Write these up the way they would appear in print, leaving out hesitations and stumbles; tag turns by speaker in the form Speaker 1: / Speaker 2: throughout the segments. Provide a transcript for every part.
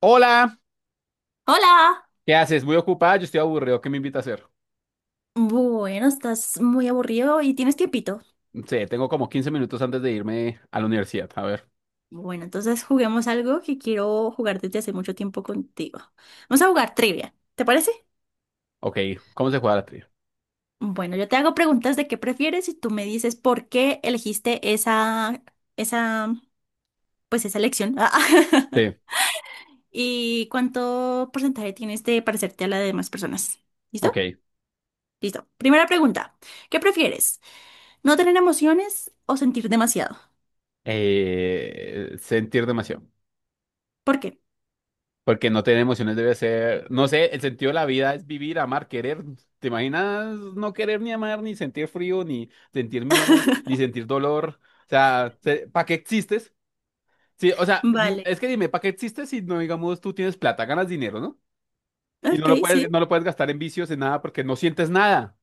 Speaker 1: Hola,
Speaker 2: Hola.
Speaker 1: ¿qué haces? Muy ocupada, yo estoy aburrido, ¿qué me invita a hacer?
Speaker 2: Bueno, estás muy aburrido y tienes tiempito.
Speaker 1: Sí, tengo como 15 minutos antes de irme a la universidad. A ver,
Speaker 2: Bueno, entonces juguemos algo que quiero jugar desde hace mucho tiempo contigo. Vamos a jugar trivia, ¿te parece?
Speaker 1: ok, ¿cómo se juega la trivia?
Speaker 2: Bueno, yo te hago preguntas de qué prefieres y tú me dices por qué elegiste esa, pues esa elección.
Speaker 1: Sí,
Speaker 2: ¿Y cuánto porcentaje tienes de parecerte a la de demás personas? ¿Listo?
Speaker 1: ok.
Speaker 2: Listo. Primera pregunta. ¿Qué prefieres? ¿No tener emociones o sentir demasiado?
Speaker 1: Sentir demasiado,
Speaker 2: ¿Por qué?
Speaker 1: porque no tener emociones debe ser, no sé, el sentido de la vida es vivir, amar, querer. ¿Te imaginas no querer ni amar, ni sentir frío, ni sentir miedo, ni sentir dolor? O sea, ¿para qué existes? Sí, o sea,
Speaker 2: Vale.
Speaker 1: es que dime, ¿para qué existes si no, digamos, tú tienes plata, ganas dinero, ¿no? Y no
Speaker 2: Ok,
Speaker 1: lo
Speaker 2: sí.
Speaker 1: puedes, no lo puedes gastar en vicios, en nada, porque no sientes nada.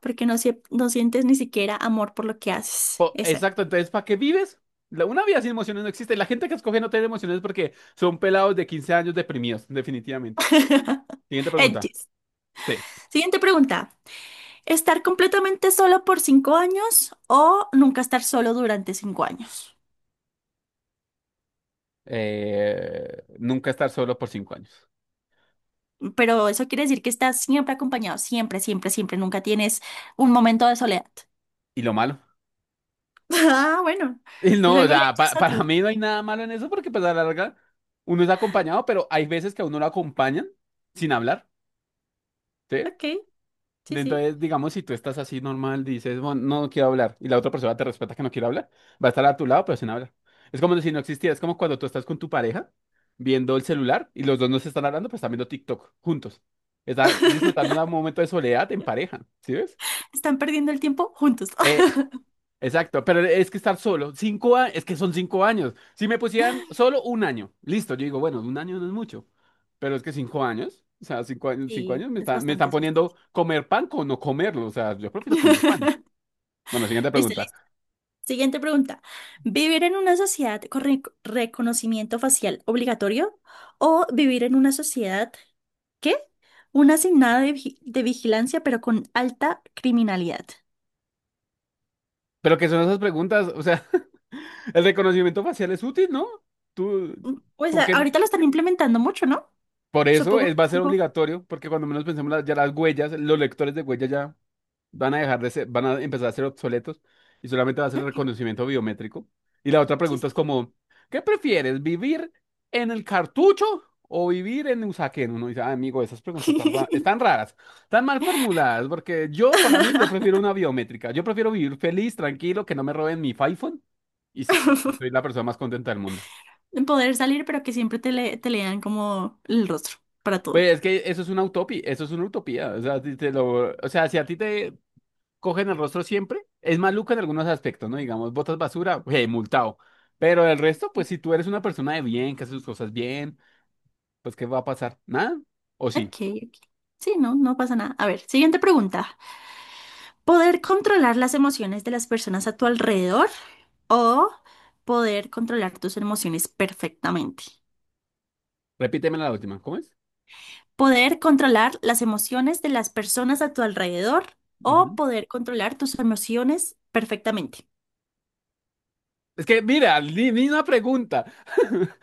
Speaker 2: Porque no, no sientes ni siquiera amor por lo que haces.
Speaker 1: Po-
Speaker 2: Exacto.
Speaker 1: Exacto, entonces, ¿para qué vives? Una vida sin emociones no existe. La gente que escoge no tener emociones es porque son pelados de 15 años deprimidos, definitivamente. Siguiente pregunta.
Speaker 2: Edges.
Speaker 1: Sí.
Speaker 2: Siguiente pregunta. ¿Estar completamente solo por 5 años o nunca estar solo durante 5 años?
Speaker 1: Nunca estar solo por 5 años.
Speaker 2: Pero eso quiere decir que estás siempre acompañado, siempre, siempre, siempre. Nunca tienes un momento de soledad.
Speaker 1: ¿Y lo malo?
Speaker 2: Ah, bueno.
Speaker 1: Y no, o
Speaker 2: Luego le
Speaker 1: sea,
Speaker 2: echas
Speaker 1: para
Speaker 2: otro.
Speaker 1: mí no hay nada malo en eso porque pues a la larga uno es acompañado, pero hay veces que a uno lo acompañan sin hablar. ¿Sí?
Speaker 2: Ok, sí, sí.
Speaker 1: Entonces, digamos, si tú estás así normal, dices, bueno, no quiero hablar, y la otra persona te respeta que no quiere hablar, va a estar a tu lado, pero sin hablar. Es como si no existiera, es como cuando tú estás con tu pareja viendo el celular y los dos no se están hablando, pero están viendo TikTok juntos. Están disfrutando un momento de soledad en pareja, ¿sí ves?
Speaker 2: Están perdiendo el tiempo juntos.
Speaker 1: Eh, Exacto, pero es que estar solo, 5 años, es que son 5 años. Si me pusieran solo un año, listo, yo digo, bueno, un año no es mucho, pero es que 5 años, o sea, 5 años, cinco
Speaker 2: Sí,
Speaker 1: años me
Speaker 2: es
Speaker 1: están, me están
Speaker 2: bastante, es
Speaker 1: poniendo
Speaker 2: bastante.
Speaker 1: comer pan con no comerlo, o sea, yo prefiero comer pan. Bueno, siguiente
Speaker 2: Listo,
Speaker 1: pregunta.
Speaker 2: listo. Siguiente pregunta. ¿Vivir en una sociedad con reconocimiento facial obligatorio o vivir en una sociedad, ¿qué? Una asignada de vigilancia pero con alta criminalidad.
Speaker 1: Pero ¿qué son esas preguntas? O sea, el reconocimiento facial es útil, ¿no? Tú,
Speaker 2: Pues
Speaker 1: porque
Speaker 2: ahorita lo están implementando mucho, ¿no?
Speaker 1: por eso
Speaker 2: Supongo que
Speaker 1: es, va
Speaker 2: es
Speaker 1: a ser
Speaker 2: algo-
Speaker 1: obligatorio, porque cuando menos pensemos ya las huellas, los lectores de huellas ya. Van a empezar a ser obsoletos y solamente va a ser
Speaker 2: ¿no?
Speaker 1: reconocimiento biométrico. Y la otra
Speaker 2: Sí,
Speaker 1: pregunta es
Speaker 2: sí,
Speaker 1: como, ¿qué prefieres, vivir en el cartucho o vivir en Usaquén? Uno dice, "Ah, amigo, esas preguntas
Speaker 2: sí.
Speaker 1: están raras, están mal formuladas, porque yo, para mí, yo prefiero una biométrica. Yo prefiero vivir feliz, tranquilo, que no me roben mi iPhone y soy la persona más contenta del mundo.
Speaker 2: Poder salir pero que siempre te, te lean como el rostro para todo.
Speaker 1: Pues es que eso es una utopía, eso es una utopía. O sea, si te lo, o sea, si a ti te cogen el rostro siempre. Es maluco en algunos aspectos, ¿no? Digamos, botas basura, hey, multado. Pero el resto, pues
Speaker 2: Ok,
Speaker 1: si tú eres una persona de bien, que hace sus cosas bien, pues ¿qué va a pasar? ¿Nada? ¿O sí?
Speaker 2: ok. Sí, no, no pasa nada. A ver, siguiente pregunta. Poder controlar las emociones de las personas a tu alrededor o poder controlar tus emociones perfectamente.
Speaker 1: Repíteme la última, ¿cómo es?
Speaker 2: Poder controlar las emociones de las personas a tu alrededor o
Speaker 1: Ujú.
Speaker 2: poder controlar tus emociones perfectamente.
Speaker 1: Es que, mira, ni una pregunta.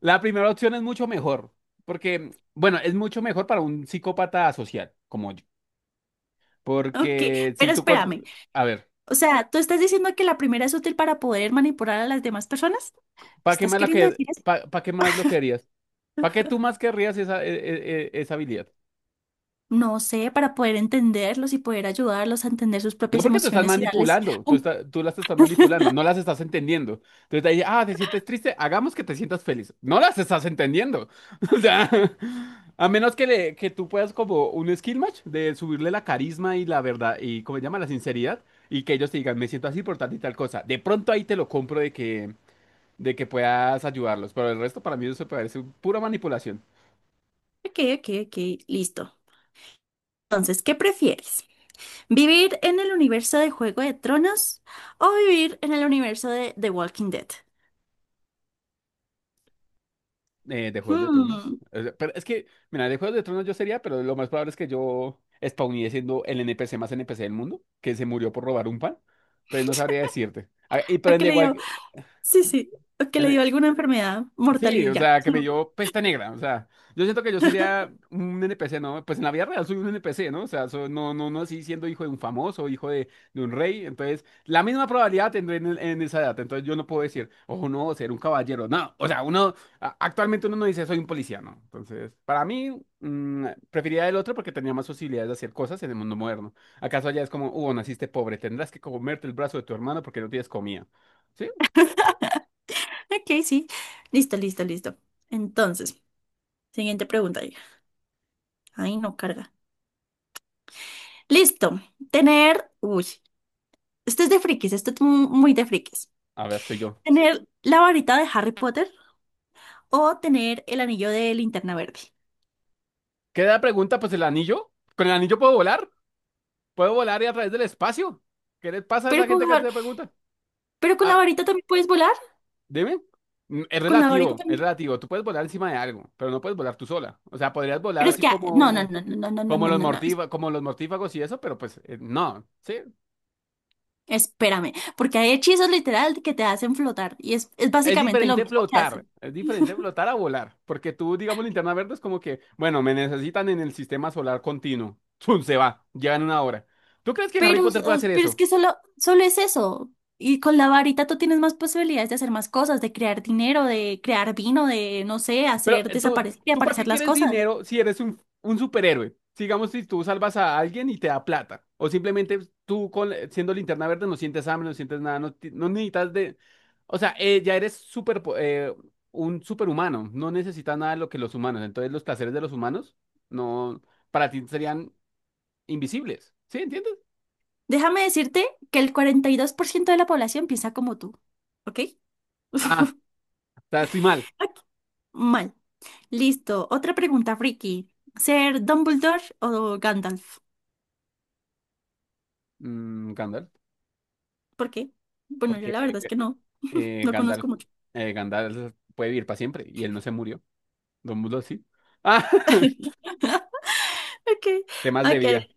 Speaker 1: La primera opción es mucho mejor, porque, bueno, es mucho mejor para un psicópata social como yo.
Speaker 2: Ok,
Speaker 1: Porque si
Speaker 2: pero
Speaker 1: tú.
Speaker 2: espérame.
Speaker 1: A ver,
Speaker 2: O sea, ¿tú estás diciendo que la primera es útil para poder manipular a las demás personas? ¿Qué
Speaker 1: ¿para qué
Speaker 2: estás
Speaker 1: más,
Speaker 2: queriendo decir eso?
Speaker 1: pa' qué más lo querías? ¿Para qué tú más querrías esa, e- e- e- esa habilidad?
Speaker 2: No sé, para poder entenderlos y poder ayudarlos a entender sus
Speaker 1: No
Speaker 2: propias
Speaker 1: porque tú estás
Speaker 2: emociones y darles
Speaker 1: manipulando, tú,
Speaker 2: un...
Speaker 1: está- tú las estás manipulando, no las estás entendiendo. Entonces ahí, te sientes triste, hagamos que te sientas feliz. No las estás entendiendo. O sea, a menos que tú puedas como un skill match de subirle la carisma y la verdad, y como se llama, la sinceridad, y que ellos te digan, me siento así por tal y tal cosa. De pronto ahí te lo compro de que puedas ayudarlos, pero el resto para mí eso me parece pura manipulación.
Speaker 2: Ok, ok, ok, listo. Entonces, ¿qué prefieres? ¿Vivir en el universo de Juego de Tronos o vivir en el universo de The Walking Dead?
Speaker 1: De Juegos de Tronos.
Speaker 2: Hmm.
Speaker 1: O sea, pero es que, mira, de Juegos de Tronos yo sería, pero lo más probable es que yo spawné siendo el NPC más NPC del mundo, que se murió por robar un pan, pero no sabría decirte. Ah, y
Speaker 2: ¿O que
Speaker 1: prende
Speaker 2: le
Speaker 1: igual.
Speaker 2: dio? Sí, sí. ¿O que le dio alguna enfermedad mortal
Speaker 1: Sí,
Speaker 2: y
Speaker 1: o
Speaker 2: ya?
Speaker 1: sea, que me dio
Speaker 2: Sí.
Speaker 1: pesta negra, o sea, yo siento que yo sería un NPC, ¿no? Pues en la vida real soy un NPC, ¿no? O sea, no, no, no así siendo hijo de un famoso, hijo de un rey, entonces la misma probabilidad tendré en esa edad, entonces yo no puedo decir, oh no, ser un caballero, no, o sea, actualmente uno no dice soy un policía, ¿no? Entonces, para mí, preferiría el otro porque tenía más posibilidades de hacer cosas en el mundo moderno. ¿Acaso allá es como, naciste pobre, tendrás que comerte el brazo de tu hermano porque no tienes comida? ¿Sí?
Speaker 2: Ok, sí. Listo, listo, listo. Entonces, siguiente pregunta. Hija. Ay, no carga. Listo. Tener. Uy, esto es de frikis. Esto es muy de frikis.
Speaker 1: A ver, soy yo.
Speaker 2: ¿Tener la varita de Harry Potter o tener el anillo de Linterna Verde?
Speaker 1: Queda la pregunta, pues el anillo. ¿Con el anillo puedo volar? ¿Puedo volar y a través del espacio? ¿Qué les pasa a
Speaker 2: Pero
Speaker 1: esa
Speaker 2: con,
Speaker 1: gente que hace
Speaker 2: Har-
Speaker 1: esa pregunta?
Speaker 2: pero con la
Speaker 1: Ah,
Speaker 2: varita también puedes volar.
Speaker 1: dime. Es
Speaker 2: Con la varita
Speaker 1: relativo, es
Speaker 2: también.
Speaker 1: relativo. Tú puedes volar encima de algo, pero no puedes volar tú sola. O sea, podrías volar
Speaker 2: Pero es
Speaker 1: así
Speaker 2: que, no, no,
Speaker 1: como,
Speaker 2: no, no, no, no, no, no, no, no,
Speaker 1: como los mortífagos y eso, pero pues no, ¿sí?
Speaker 2: espérame, porque hay hechizos literal que te hacen flotar y es básicamente lo mismo que hacen.
Speaker 1: Es diferente flotar a volar, porque tú, digamos, linterna verde es como que, bueno, me necesitan en el sistema solar continuo. ¡Zum! Se va, llegan una hora. ¿Tú crees que Harry
Speaker 2: Pero,
Speaker 1: Potter puede hacer
Speaker 2: pero es
Speaker 1: eso?
Speaker 2: que solo es eso. Y con la varita tú tienes más posibilidades de hacer más cosas, de crear dinero, de crear vino, de, no sé,
Speaker 1: Pero
Speaker 2: hacer
Speaker 1: eh, tú,
Speaker 2: desaparecer y
Speaker 1: ¿tú para qué
Speaker 2: aparecer las
Speaker 1: quieres
Speaker 2: cosas.
Speaker 1: dinero si eres un superhéroe? Digamos, si tú salvas a alguien y te da plata. O simplemente siendo linterna verde no sientes hambre, no sientes nada, no necesitas de... O sea, ya eres un superhumano, no necesitas nada de lo que los humanos. Entonces los placeres de los humanos no, para ti serían invisibles. ¿Sí? ¿Entiendes?
Speaker 2: Déjame decirte que el 42% de la población piensa como tú, ¿ok?
Speaker 1: Ah, o sea, estoy mal.
Speaker 2: Ok, mal. Listo. Otra pregunta, Friki. ¿Ser Dumbledore o Gandalf?
Speaker 1: Gandalf,
Speaker 2: Porque, bueno, yo
Speaker 1: porque
Speaker 2: la verdad es que no,
Speaker 1: eh,
Speaker 2: no
Speaker 1: Gandalf,
Speaker 2: conozco mucho.
Speaker 1: Gandalf puede vivir para siempre y él no se murió. Don Bulo, sí. Ah,
Speaker 2: Ok,
Speaker 1: temas de
Speaker 2: ok,
Speaker 1: vida.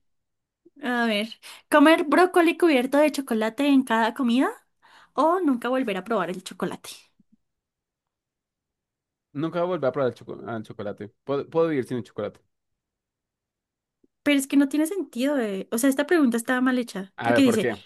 Speaker 2: a ver. ¿Comer brócoli cubierto de chocolate en cada comida o nunca volver a probar el chocolate?
Speaker 1: Nunca voy a volver a probar el chocolate. Puedo vivir sin el chocolate.
Speaker 2: Pero es que no tiene sentido, eh. O sea, esta pregunta estaba mal hecha,
Speaker 1: A
Speaker 2: porque
Speaker 1: ver, ¿por
Speaker 2: dice,
Speaker 1: qué?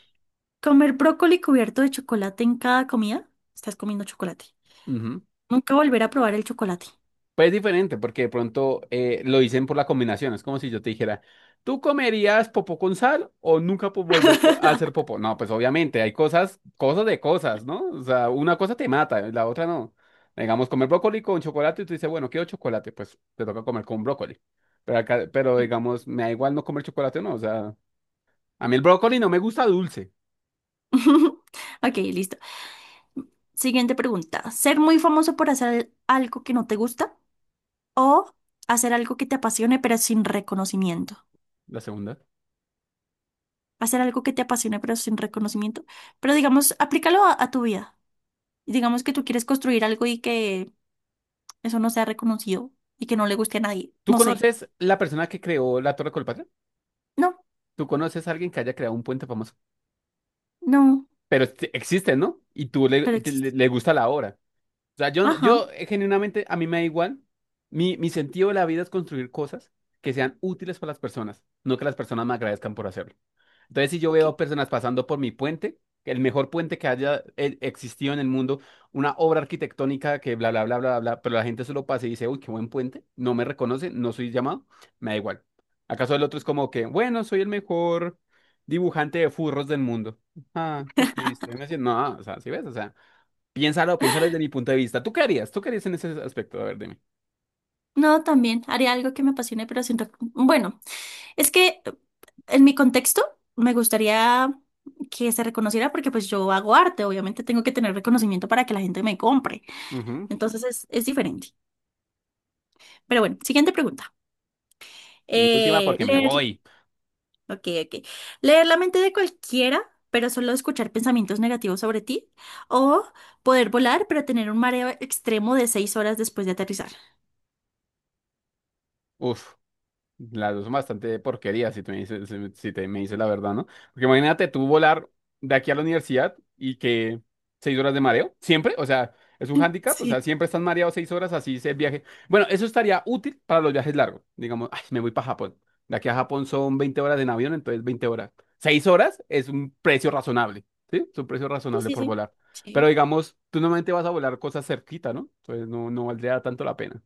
Speaker 2: ¿comer brócoli cubierto de chocolate en cada comida? Estás comiendo chocolate.
Speaker 1: Ujú.
Speaker 2: Nunca volver a probar el chocolate.
Speaker 1: Pues es diferente, porque de pronto lo dicen por la combinación. Es como si yo te dijera, ¿tú comerías popó con sal o nunca volver a hacer popó? No, pues obviamente hay cosas, cosas de cosas, ¿no? O sea, una cosa te mata, la otra no. Digamos, comer brócoli con chocolate y tú dices, bueno, quiero chocolate, pues te toca comer con brócoli. Pero acá, pero
Speaker 2: Sí.
Speaker 1: digamos, me da igual no comer chocolate o no. O sea, a mí el brócoli no me gusta dulce.
Speaker 2: Ok, listo. Siguiente pregunta. ¿Ser muy famoso por hacer algo que no te gusta o hacer algo que te apasione pero sin reconocimiento?
Speaker 1: La segunda.
Speaker 2: Hacer algo que te apasione pero sin reconocimiento. Pero digamos, aplícalo a tu vida. Digamos que tú quieres construir algo y que eso no sea reconocido y que no le guste a nadie.
Speaker 1: ¿Tú
Speaker 2: No sé.
Speaker 1: conoces la persona que creó la Torre Colpatria?
Speaker 2: No,
Speaker 1: ¿Tú conoces a alguien que haya creado un puente famoso?
Speaker 2: no,
Speaker 1: Pero existe, ¿no? Y tú le,
Speaker 2: pero
Speaker 1: te- le,
Speaker 2: existe.
Speaker 1: le gusta la obra. O sea, yo,
Speaker 2: Ajá.
Speaker 1: genuinamente, a mí me da igual. Mi sentido de la vida es construir cosas que sean útiles para las personas, no que las personas me agradezcan por hacerlo. Entonces, si yo
Speaker 2: Ok.
Speaker 1: veo personas pasando por mi puente, el mejor puente que haya existido en el mundo, una obra arquitectónica que bla, bla, bla, bla, bla, pero la gente solo pasa y dice, uy, qué buen puente, no me reconoce, no soy llamado, me da igual. ¿Acaso el otro es como que, bueno, soy el mejor dibujante de furros del mundo? Ah, qué triste. Me dice, no, o sea, si ves, o sea, piénsalo, piénsalo desde mi punto de vista. ¿Tú qué harías? ¿Tú qué harías en ese aspecto? A ver, dime.
Speaker 2: No, también haría algo que me apasione pero sin reconocimiento. Bueno, es que en mi contexto me gustaría que se reconociera porque pues yo hago arte. Obviamente tengo que tener reconocimiento para que la gente me compre.
Speaker 1: Ujú.
Speaker 2: Entonces es diferente. Pero bueno, siguiente pregunta.
Speaker 1: Y última,
Speaker 2: Eh,
Speaker 1: porque me
Speaker 2: leer,
Speaker 1: voy.
Speaker 2: ok, ok. Leer la mente de cualquiera, pero solo escuchar pensamientos negativos sobre ti. O poder volar, pero tener un mareo extremo de 6 horas después de aterrizar.
Speaker 1: Uf. Las dos son bastante porquerías, si te me dices la verdad, ¿no? Porque imagínate tú volar de aquí a la universidad y que 6 horas de mareo, siempre, o sea, es un hándicap, o
Speaker 2: Sí.
Speaker 1: sea, siempre estás mareado 6 horas, así es el viaje. Bueno, eso estaría útil para los viajes largos. Digamos, ay, me voy para Japón. De aquí a Japón son 20 horas en avión, entonces 20 horas. 6 horas es un precio razonable, ¿sí? Es un precio
Speaker 2: Sí,
Speaker 1: razonable
Speaker 2: sí,
Speaker 1: por
Speaker 2: sí.
Speaker 1: volar. Pero
Speaker 2: Sí,
Speaker 1: digamos, tú normalmente vas a volar cosas cerquita, ¿no? Entonces no valdría tanto la pena.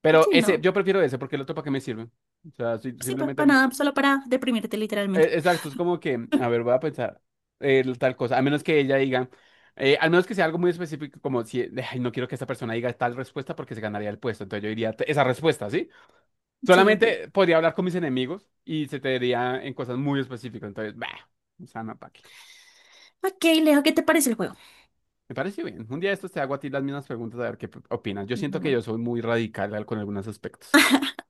Speaker 1: Pero
Speaker 2: sí,
Speaker 1: ese,
Speaker 2: no.
Speaker 1: yo prefiero ese porque el otro para qué me sirve. O sea,
Speaker 2: Sí,
Speaker 1: simplemente,
Speaker 2: para nada, solo para deprimirte literalmente.
Speaker 1: exacto, es como que, a ver, voy a pensar tal cosa, a menos que ella diga, al menos que sea algo muy específico, como si, ay, no quiero que esta persona diga tal respuesta porque se ganaría el puesto, entonces yo diría esa respuesta, ¿sí?
Speaker 2: Sí, ok.
Speaker 1: Solamente podría hablar con mis enemigos y se te diría en cosas muy específicas, entonces, bah, o sea, no, para qué.
Speaker 2: Ok, Leo, ¿qué te parece el juego?
Speaker 1: Me parece bien. Un día de estos te hago a ti las mismas preguntas a ver qué opinas. Yo siento que
Speaker 2: Bueno,
Speaker 1: yo soy muy radical con algunos aspectos.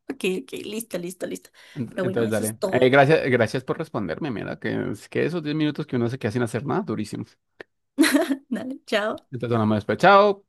Speaker 2: ok, ok, listo, listo, listo.
Speaker 1: Ent-
Speaker 2: Pero bueno,
Speaker 1: Entonces,
Speaker 2: eso es
Speaker 1: dale.
Speaker 2: todo.
Speaker 1: Gracias, gracias por responderme, mira, que es que esos 10 minutos que uno se queda sin hacer nada, durísimo.
Speaker 2: Dale, chao.
Speaker 1: Entonces, hablamos después. Chao.